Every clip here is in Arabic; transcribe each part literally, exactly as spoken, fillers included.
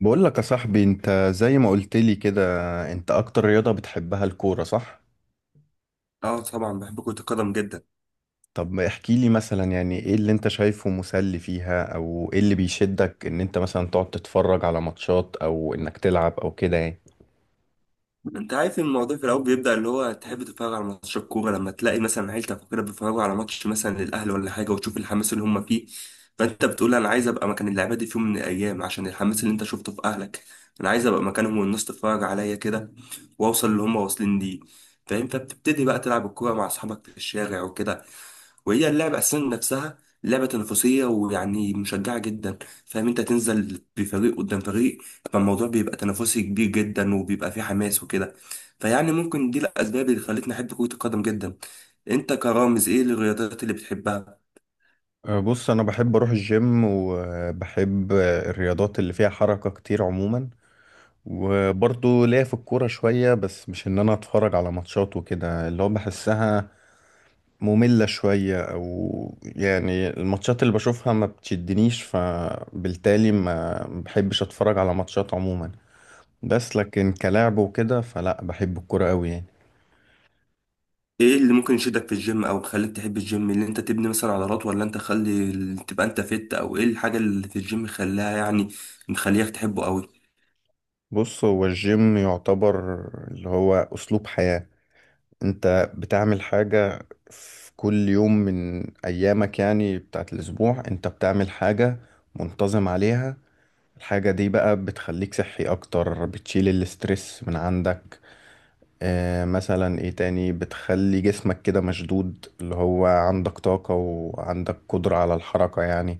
بقول لك يا صاحبي، انت زي ما قلت لي كده، انت اكتر رياضة بتحبها الكورة صح؟ اه، طبعا بحب كرة القدم جدا. طب احكي لي مثلا يعني ايه اللي انت شايفه مسلي فيها، او ايه اللي بيشدك ان انت مثلا تقعد تتفرج على ماتشات او انك تلعب او كده يعني. انت عارف ان الموضوع في الاول بيبدأ، اللي هو تحب تتفرج على ماتش الكورة لما تلاقي مثلا عيلتك وكده بيتفرجوا على ماتش مثلا للاهلي ولا حاجة، وتشوف الحماس اللي هم فيه. فانت بتقول انا عايز ابقى مكان اللعيبة دي في يوم من الايام عشان الحماس اللي انت شفته في اهلك. انا عايز ابقى مكانهم والناس تتفرج عليا كده، واوصل اللي هم واصلين ليه. فانت بتبتدي بقى تلعب الكورة مع اصحابك في الشارع وكده، وهي اللعبة أساسا نفسها لعبة تنافسية، ويعني مشجعة جدا. فاهم؟ أنت تنزل بفريق قدام فريق، فالموضوع بيبقى تنافسي كبير جدا وبيبقى فيه حماس وكده. فيعني ممكن دي الأسباب اللي خلتني أحب كرة القدم جدا. أنت كرامز، إيه الرياضات اللي بتحبها؟ أه، بص انا بحب اروح الجيم، وبحب الرياضات اللي فيها حركة كتير عموما. وبرضه ليا في الكورة شوية، بس مش ان انا اتفرج على ماتشات وكده، اللي هو بحسها مملة شوية أو يعني الماتشات اللي بشوفها ما بتشدنيش، فبالتالي ما بحبش أتفرج على ماتشات عموما. بس لكن كلاعب وكده فلا، بحب الكرة أوي يعني. إيه اللي ممكن يشدك في الجيم أو يخليك تحب الجيم؟ اللي أنت تبني مثلا عضلات، ولا أنت خلي تبقى أنت فت، أو إيه الحاجة اللي في الجيم خلاها يعني مخليك تحبه أوي؟ بص هو الجيم يعتبر اللي هو أسلوب حياة. أنت بتعمل حاجة في كل يوم من أيامك، يعني بتاعت الأسبوع أنت بتعمل حاجة منتظم عليها. الحاجة دي بقى بتخليك صحي أكتر، بتشيل الاسترس من عندك. آه مثلا ايه تاني، بتخلي جسمك كده مشدود، اللي هو عندك طاقة وعندك قدرة على الحركة يعني.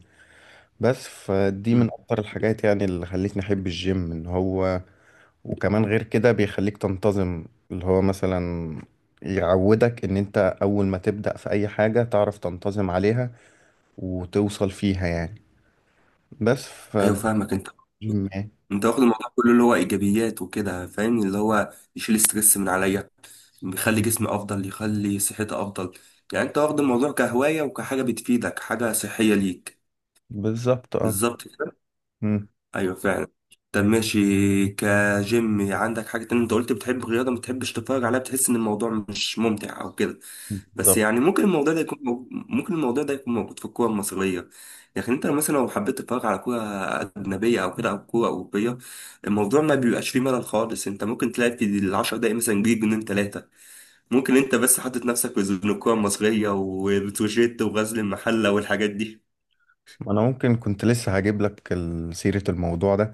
بس فدي مم. من اكتر الحاجات يعني اللي خلتني احب الجيم ان هو وكمان غير كده بيخليك تنتظم. اللي هو مثلا يعودك ان انت اول ما تبدأ في اي حاجة تعرف تنتظم عليها، وتوصل فيها يعني. بس أيوه، فده فاهمك أنت. الجيم يعني. انت واخد الموضوع كله اللي هو ايجابيات وكده، فاهم؟ اللي هو يشيل ستريس من عليا، يخلي جسمي افضل، يخلي صحتي افضل. يعني انت واخد الموضوع كهواية وكحاجة بتفيدك، حاجة صحية ليك. بالظبط اه. بالظبط. مم. ايوه فعلا. طب ماشي، كجيم عندك حاجة تانية. انت قلت بتحب الرياضة ما بتحبش تتفرج عليها، بتحس ان الموضوع مش ممتع او كده. بس بالظبط. يعني ممكن الموضوع ده يكون موجود، ممكن الموضوع ده يكون موجود في الكورة المصرية. لكن انت مثلا لو حبيت تتفرج على كورة أجنبية أو كده، أو كورة أوروبية، الموضوع ما بيبقاش فيه ملل خالص. انت ممكن تلاقي في العشر دقايق مثلا جيل جنين تلاتة. ممكن انت بس حاطط نفسك في زون الكورة المصرية وبتروجيت وغزل المحلة والحاجات دي. انا ممكن كنت لسه هجيب لك ال- سيرة الموضوع ده.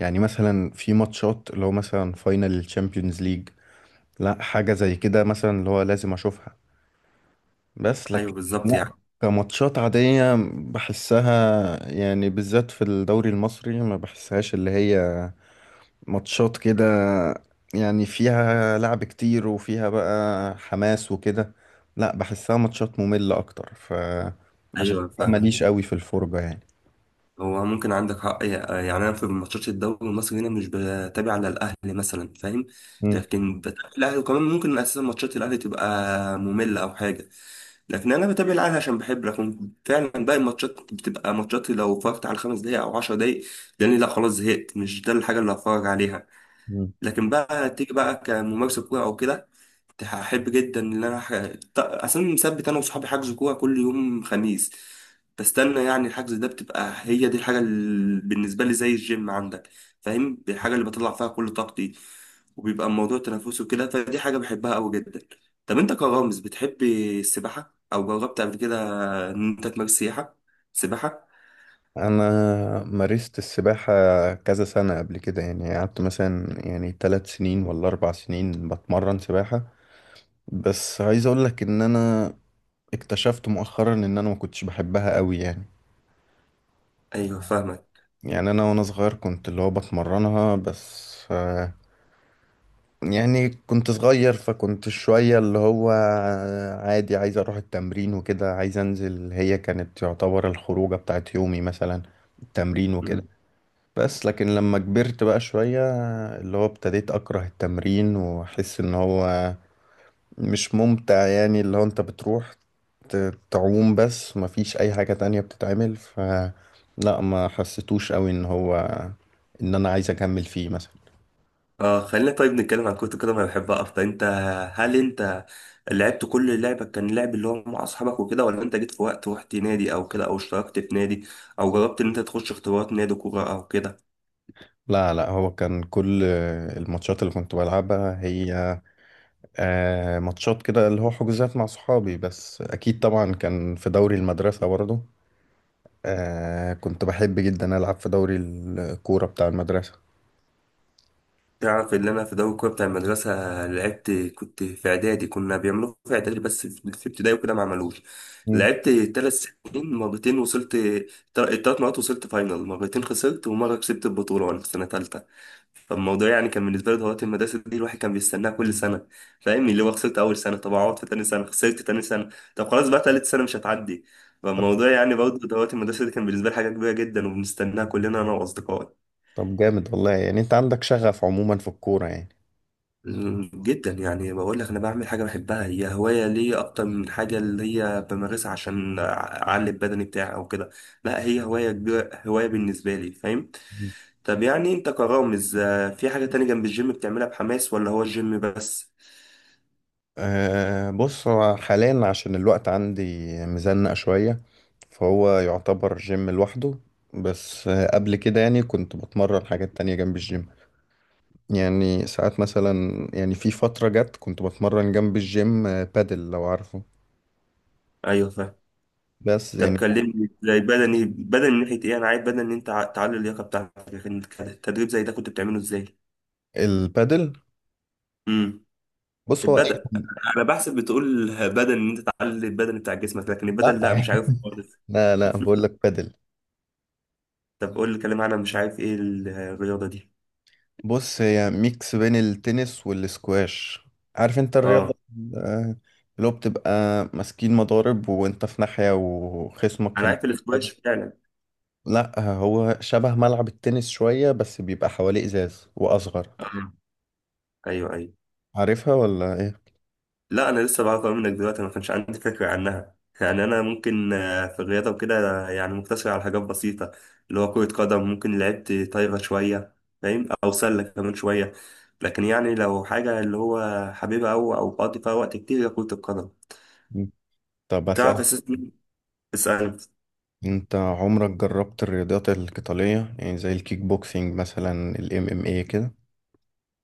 يعني مثلا في ماتشات اللي هو مثلا فاينل الشامبيونز ليج، لا حاجة زي كده مثلا اللي هو لازم اشوفها. بس ايوه لكن بالظبط يعني. لا، كماتشات عادية بحسها، يعني بالذات في الدوري المصري ما بحسهاش اللي هي ماتشات كده يعني فيها لعب كتير وفيها بقى حماس وكده. لا بحسها ماتشات مملة اكتر، ف عشان ايوه كده فاهم. ماليش قوي في الفرجة يعني. هو ممكن عندك حق يعني. انا في ماتشات الدوري المصري هنا مش بتابع على الاهلي مثلا، فاهم؟ مم. لكن بتابع الاهلي، وكمان ممكن اساسا ماتشات الاهلي تبقى ممله او حاجه، لكن انا بتابع الاهلي عشان بحب. لكن فعلا باقي الماتشات بتبقى ماتشات لو اتفرجت على خمس دقايق او عشر دقايق، لاني لا خلاص زهقت، مش ده الحاجه اللي هتفرج عليها. مم. لكن بقى تيجي بقى كممارسه كوره او كده، هحب جدا ان انا ح... ط- اصلا مثبت انا وصحابي حجز كوره كل يوم خميس. بستنى يعني الحجز ده، بتبقى هي دي الحاجه اللي بالنسبه لي زي الجيم عندك، فاهم؟ الحاجه اللي بطلع فيها كل طاقتي، وبيبقى الموضوع تنافسي وكده، فدي حاجه بحبها قوي جدا. طب انت كرامز، بتحب السباحه او جربت قبل كده ان انت تمارس سياحه سباحه؟ انا مارست السباحة كذا سنة قبل كده، يعني قعدت مثلا يعني ثلاث سنين ولا اربع سنين بتمرن سباحة. بس عايز اقول لك ان انا اكتشفت مؤخرا ان انا ما كنتش بحبها قوي يعني. ايوه فاهمك. يعني انا وانا صغير كنت اللي هو بتمرنها، بس آه، يعني كنت صغير فكنت شوية اللي هو عادي، عايز اروح التمرين وكده، عايز انزل، هي كانت تعتبر الخروجة بتاعت يومي مثلا التمرين وكده. بس لكن لما كبرت بقى شوية، اللي هو ابتديت أكره التمرين وأحس إن هو مش ممتع يعني، اللي هو أنت بتروح ت- تعوم بس مفيش أي حاجة تانية بتتعمل، ف لا ما حسيتوش قوي إن هو إن أنا عايز أكمل فيه مثلا. اه، خلينا طيب نتكلم عن كرة القدم، انا بحبها اكتر. انت هل انت لعبت كل لعبة، كان لعب اللي هو مع اصحابك وكده، ولا انت جيت في وقت رحت نادي او كده، او اشتركت في نادي، او جربت ان انت تخش اختبارات نادي كورة او كده؟ لا لا، هو كان كل الماتشات اللي كنت بلعبها هي آه، ماتشات كده اللي هو حجوزات مع صحابي، بس أكيد طبعا كان في دوري المدرسة برضه. آه كنت بحب جدا ألعب في دوري الكورة بتاع المدرسة. تعرف ان انا في دوري الكوره بتاع المدرسه لعبت؟ كنت في اعدادي، كنا بيعملوه في اعدادي بس، في في ابتدائي وكده ما عملوش. مم. لعبت ثلاث سنين، مرتين وصلت. الثلاث مرات وصلت فاينل، مرتين خسرت ومره كسبت البطوله وانا في سنه ثالثه. فالموضوع يعني كان بالنسبه لي دورات المدرسه دي، الواحد كان بيستناها كل سنه، فاهم؟ اللي هو خسرت اول سنه، طب اقعد في تاني سنه، خسرت تاني سنه، طب خلاص بقى تالت سنه مش هتعدي. طب فالموضوع يعني برضه دورات المدرسه دي كان بالنسبه لي حاجه كبيره جدا، وبنستناها كلنا انا واصدقائي. طب جامد والله يعني، أنت عندك شغف عموما في الكورة يعني. جدا يعني، بقول لك انا بعمل حاجه بحبها، هي هوايه ليا اكتر من حاجه اللي هي بمارسها عشان اعلي البدني بتاعي او كده. لا، هي هوايه كبيرة- هوايه بالنسبه لي، فاهم؟ مم. طب يعني انت كرامز، آه، في حاجه تانية جنب الجيم بتعملها بحماس، ولا هو الجيم بس؟ آه بص هو حاليا عشان الوقت عندي مزنق شوية، فهو يعتبر جيم لوحده. بس آه قبل كده يعني كنت بتمرن حاجات تانية جنب الجيم، يعني ساعات مثلا يعني في فترة جت كنت بتمرن جنب الجيم آه، بادل لو عارفه. ايوه فاهم. بس طب يعني كلمني زي بدني بدني من ناحيه ايه؟ انا عايز بدني ان انت ع- تعلي اللياقه بتاعتك. انت التدريب زي ده كنت بتعمله ازاي؟ البادل امم بص هو البدن. أي. انا بحسب بتقول بدن، ان انت تعلي البدن بتاع جسمك، لكن لا البدن لا، مش عارف. لا لا، بقول لك بادل. طب قول لي كلمة عن، مش عارف ايه الرياضة دي. بص هي ميكس بين التنس والسكواش، عارف انت الرياضة اه. ال- اللي هو بتبقى ماسكين مضارب وانت في ناحية وخصمك في انا الناحية عارف الاسكواش التانية. فعلا. لا هو شبه ملعب التنس شوية، بس بيبقى حواليه ازاز واصغر. اه، ايوه ايوه. عارفها ولا ايه؟ لا، انا لسه بعرف أوي منك دلوقتي، ما كانش عندي فكرة عنها. يعني انا ممكن آه، في الرياضة وكده آه، يعني مقتصر على حاجات بسيطة، اللي هو كرة قدم، ممكن لعبت طايرة شوية، فاهم، او سلة كمان شوية. لكن يعني لو حاجة اللي هو حبيبها او او بقضي فيها وقت كتير، هي كرة القدم. مم. طب تعرف اسألك، اساسا، اسأل. انت عمرك جربت الرياضات القتالية، يعني زي الكيك بوكسينج مثلا، الام ام اي كده؟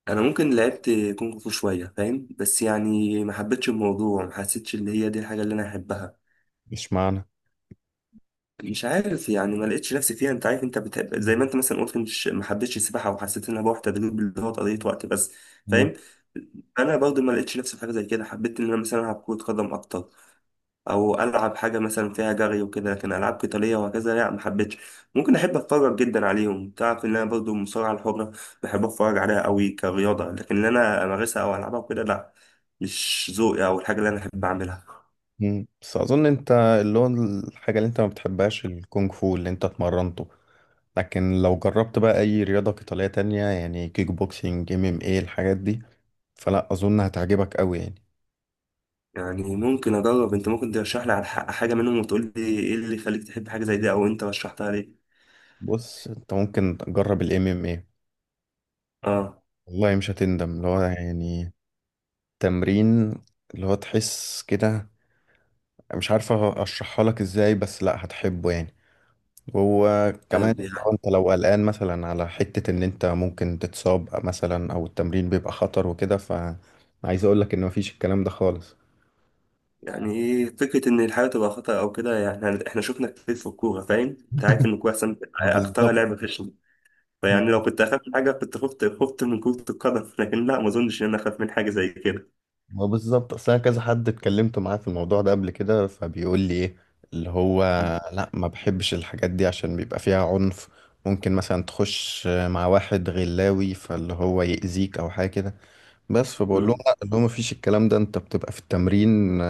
انا ممكن لعبت كونغ فو شويه، فاهم؟ بس يعني ما حبيتش الموضوع، ما حسيتش ان هي دي الحاجه اللي انا احبها. مش معنى. مش عارف يعني، ما لقيتش نفسي فيها. انت عارف، انت بتحب زي ما انت مثلا قلت، مش ما حبيتش السباحه وحسيت انها بروح تدريب اللي هو قضيه وقت بس، فاهم؟ انا برضو ما لقيتش نفسي في حاجه زي كده. حبيت ان انا مثلا العب كره قدم اكتر، او العب حاجه مثلا فيها جري وكده، لكن العاب قتاليه وهكذا لا، ما حبيتش. ممكن احب اتفرج جدا عليهم، تعرف ان انا برضو المصارعه الحره بحب اتفرج عليها قوي كرياضه، لكن ان انا امارسها او العبها وكده لا، مش ذوقي او الحاجه اللي انا احب اعملها. مم. بس اظن انت اللي هو الحاجه اللي انت ما بتحبهاش الكونغ فو اللي انت اتمرنته، لكن لو جربت بقى اي رياضه قتاليه تانية يعني كيك بوكسينج، ام ام ايه، الحاجات دي، فلا اظن هتعجبك قوي يعني. يعني ممكن اجرب. انت ممكن ترشح لي على ح- حاجه منهم، وتقول لي ايه اللي يخليك تحب حاجه زي دي، او انت رشحتها ليه؟ بص انت ممكن تجرب الام ام ايه، اه. والله مش هتندم، اللي هو يعني تمرين اللي هو تحس كده، مش عارفه اشرحها لك ازاي، بس لا هتحبه يعني. وكمان طب يعني، لو انت لو قلقان مثلا على حتة ان انت ممكن تتصاب مثلا او التمرين بيبقى خطر وكده، فعايز اقول لك ان مفيش الكلام ده خالص. يعني ايه فكرة إن الحياة تبقى خطر أو كده؟ يعني إحنا شفنا كتير في الكورة فاهم؟ أنت عارف إن الكورة أحسن ما أكترها بالظبط. لعبة في، فيعني لو كنت اخاف من حاجه كنت خفت خفت من كرة القدم، لكن لا، ما اظنش ان انا اخاف من حاجه زي كده. ما بالظبط، اصل انا كذا حد اتكلمت معاه في الموضوع ده قبل كده، فبيقول لي ايه اللي هو لا ما بحبش الحاجات دي عشان بيبقى فيها عنف، ممكن مثلا تخش مع واحد غلاوي فاللي هو يأذيك او حاجة كده. بس فبقول لهم مم. لا، اللي هو ما فيش الكلام ده، انت بتبقى في التمرين،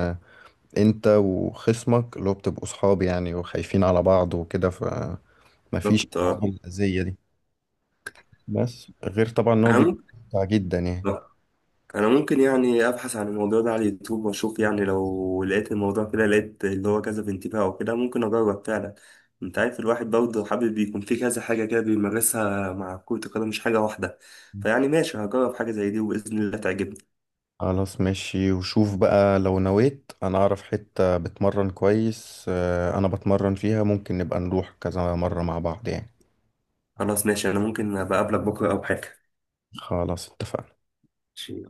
انت وخصمك اللي هو بتبقوا صحاب يعني وخايفين على بعض وكده، فمفيش بالظبط الحوارات اه. الأذية دي. بس غير طبعا ان هو انا بيبقى ممكن ممتع جدا يعني. آه. انا ممكن يعني ابحث عن الموضوع ده على اليوتيوب واشوف، يعني لو لقيت الموضوع كده لقيت اللي هو كذا بانتباه او كده ممكن اجرب فعلا. انت عارف الواحد برضه حابب يكون في كذا حاجه كده بيمارسها مع كرة القدم، مش حاجه واحده. فيعني ماشي، هجرب حاجه زي دي وباذن الله تعجبني. خلاص ماشي، وشوف بقى لو نويت، انا اعرف حتة بتمرن كويس، آه، انا بتمرن فيها، ممكن نبقى نروح كذا مرة مع بعض يعني. خلاص ماشي، انا ممكن ابقى اقابلك بكره او حاجه. خلاص اتفقنا. ماشي.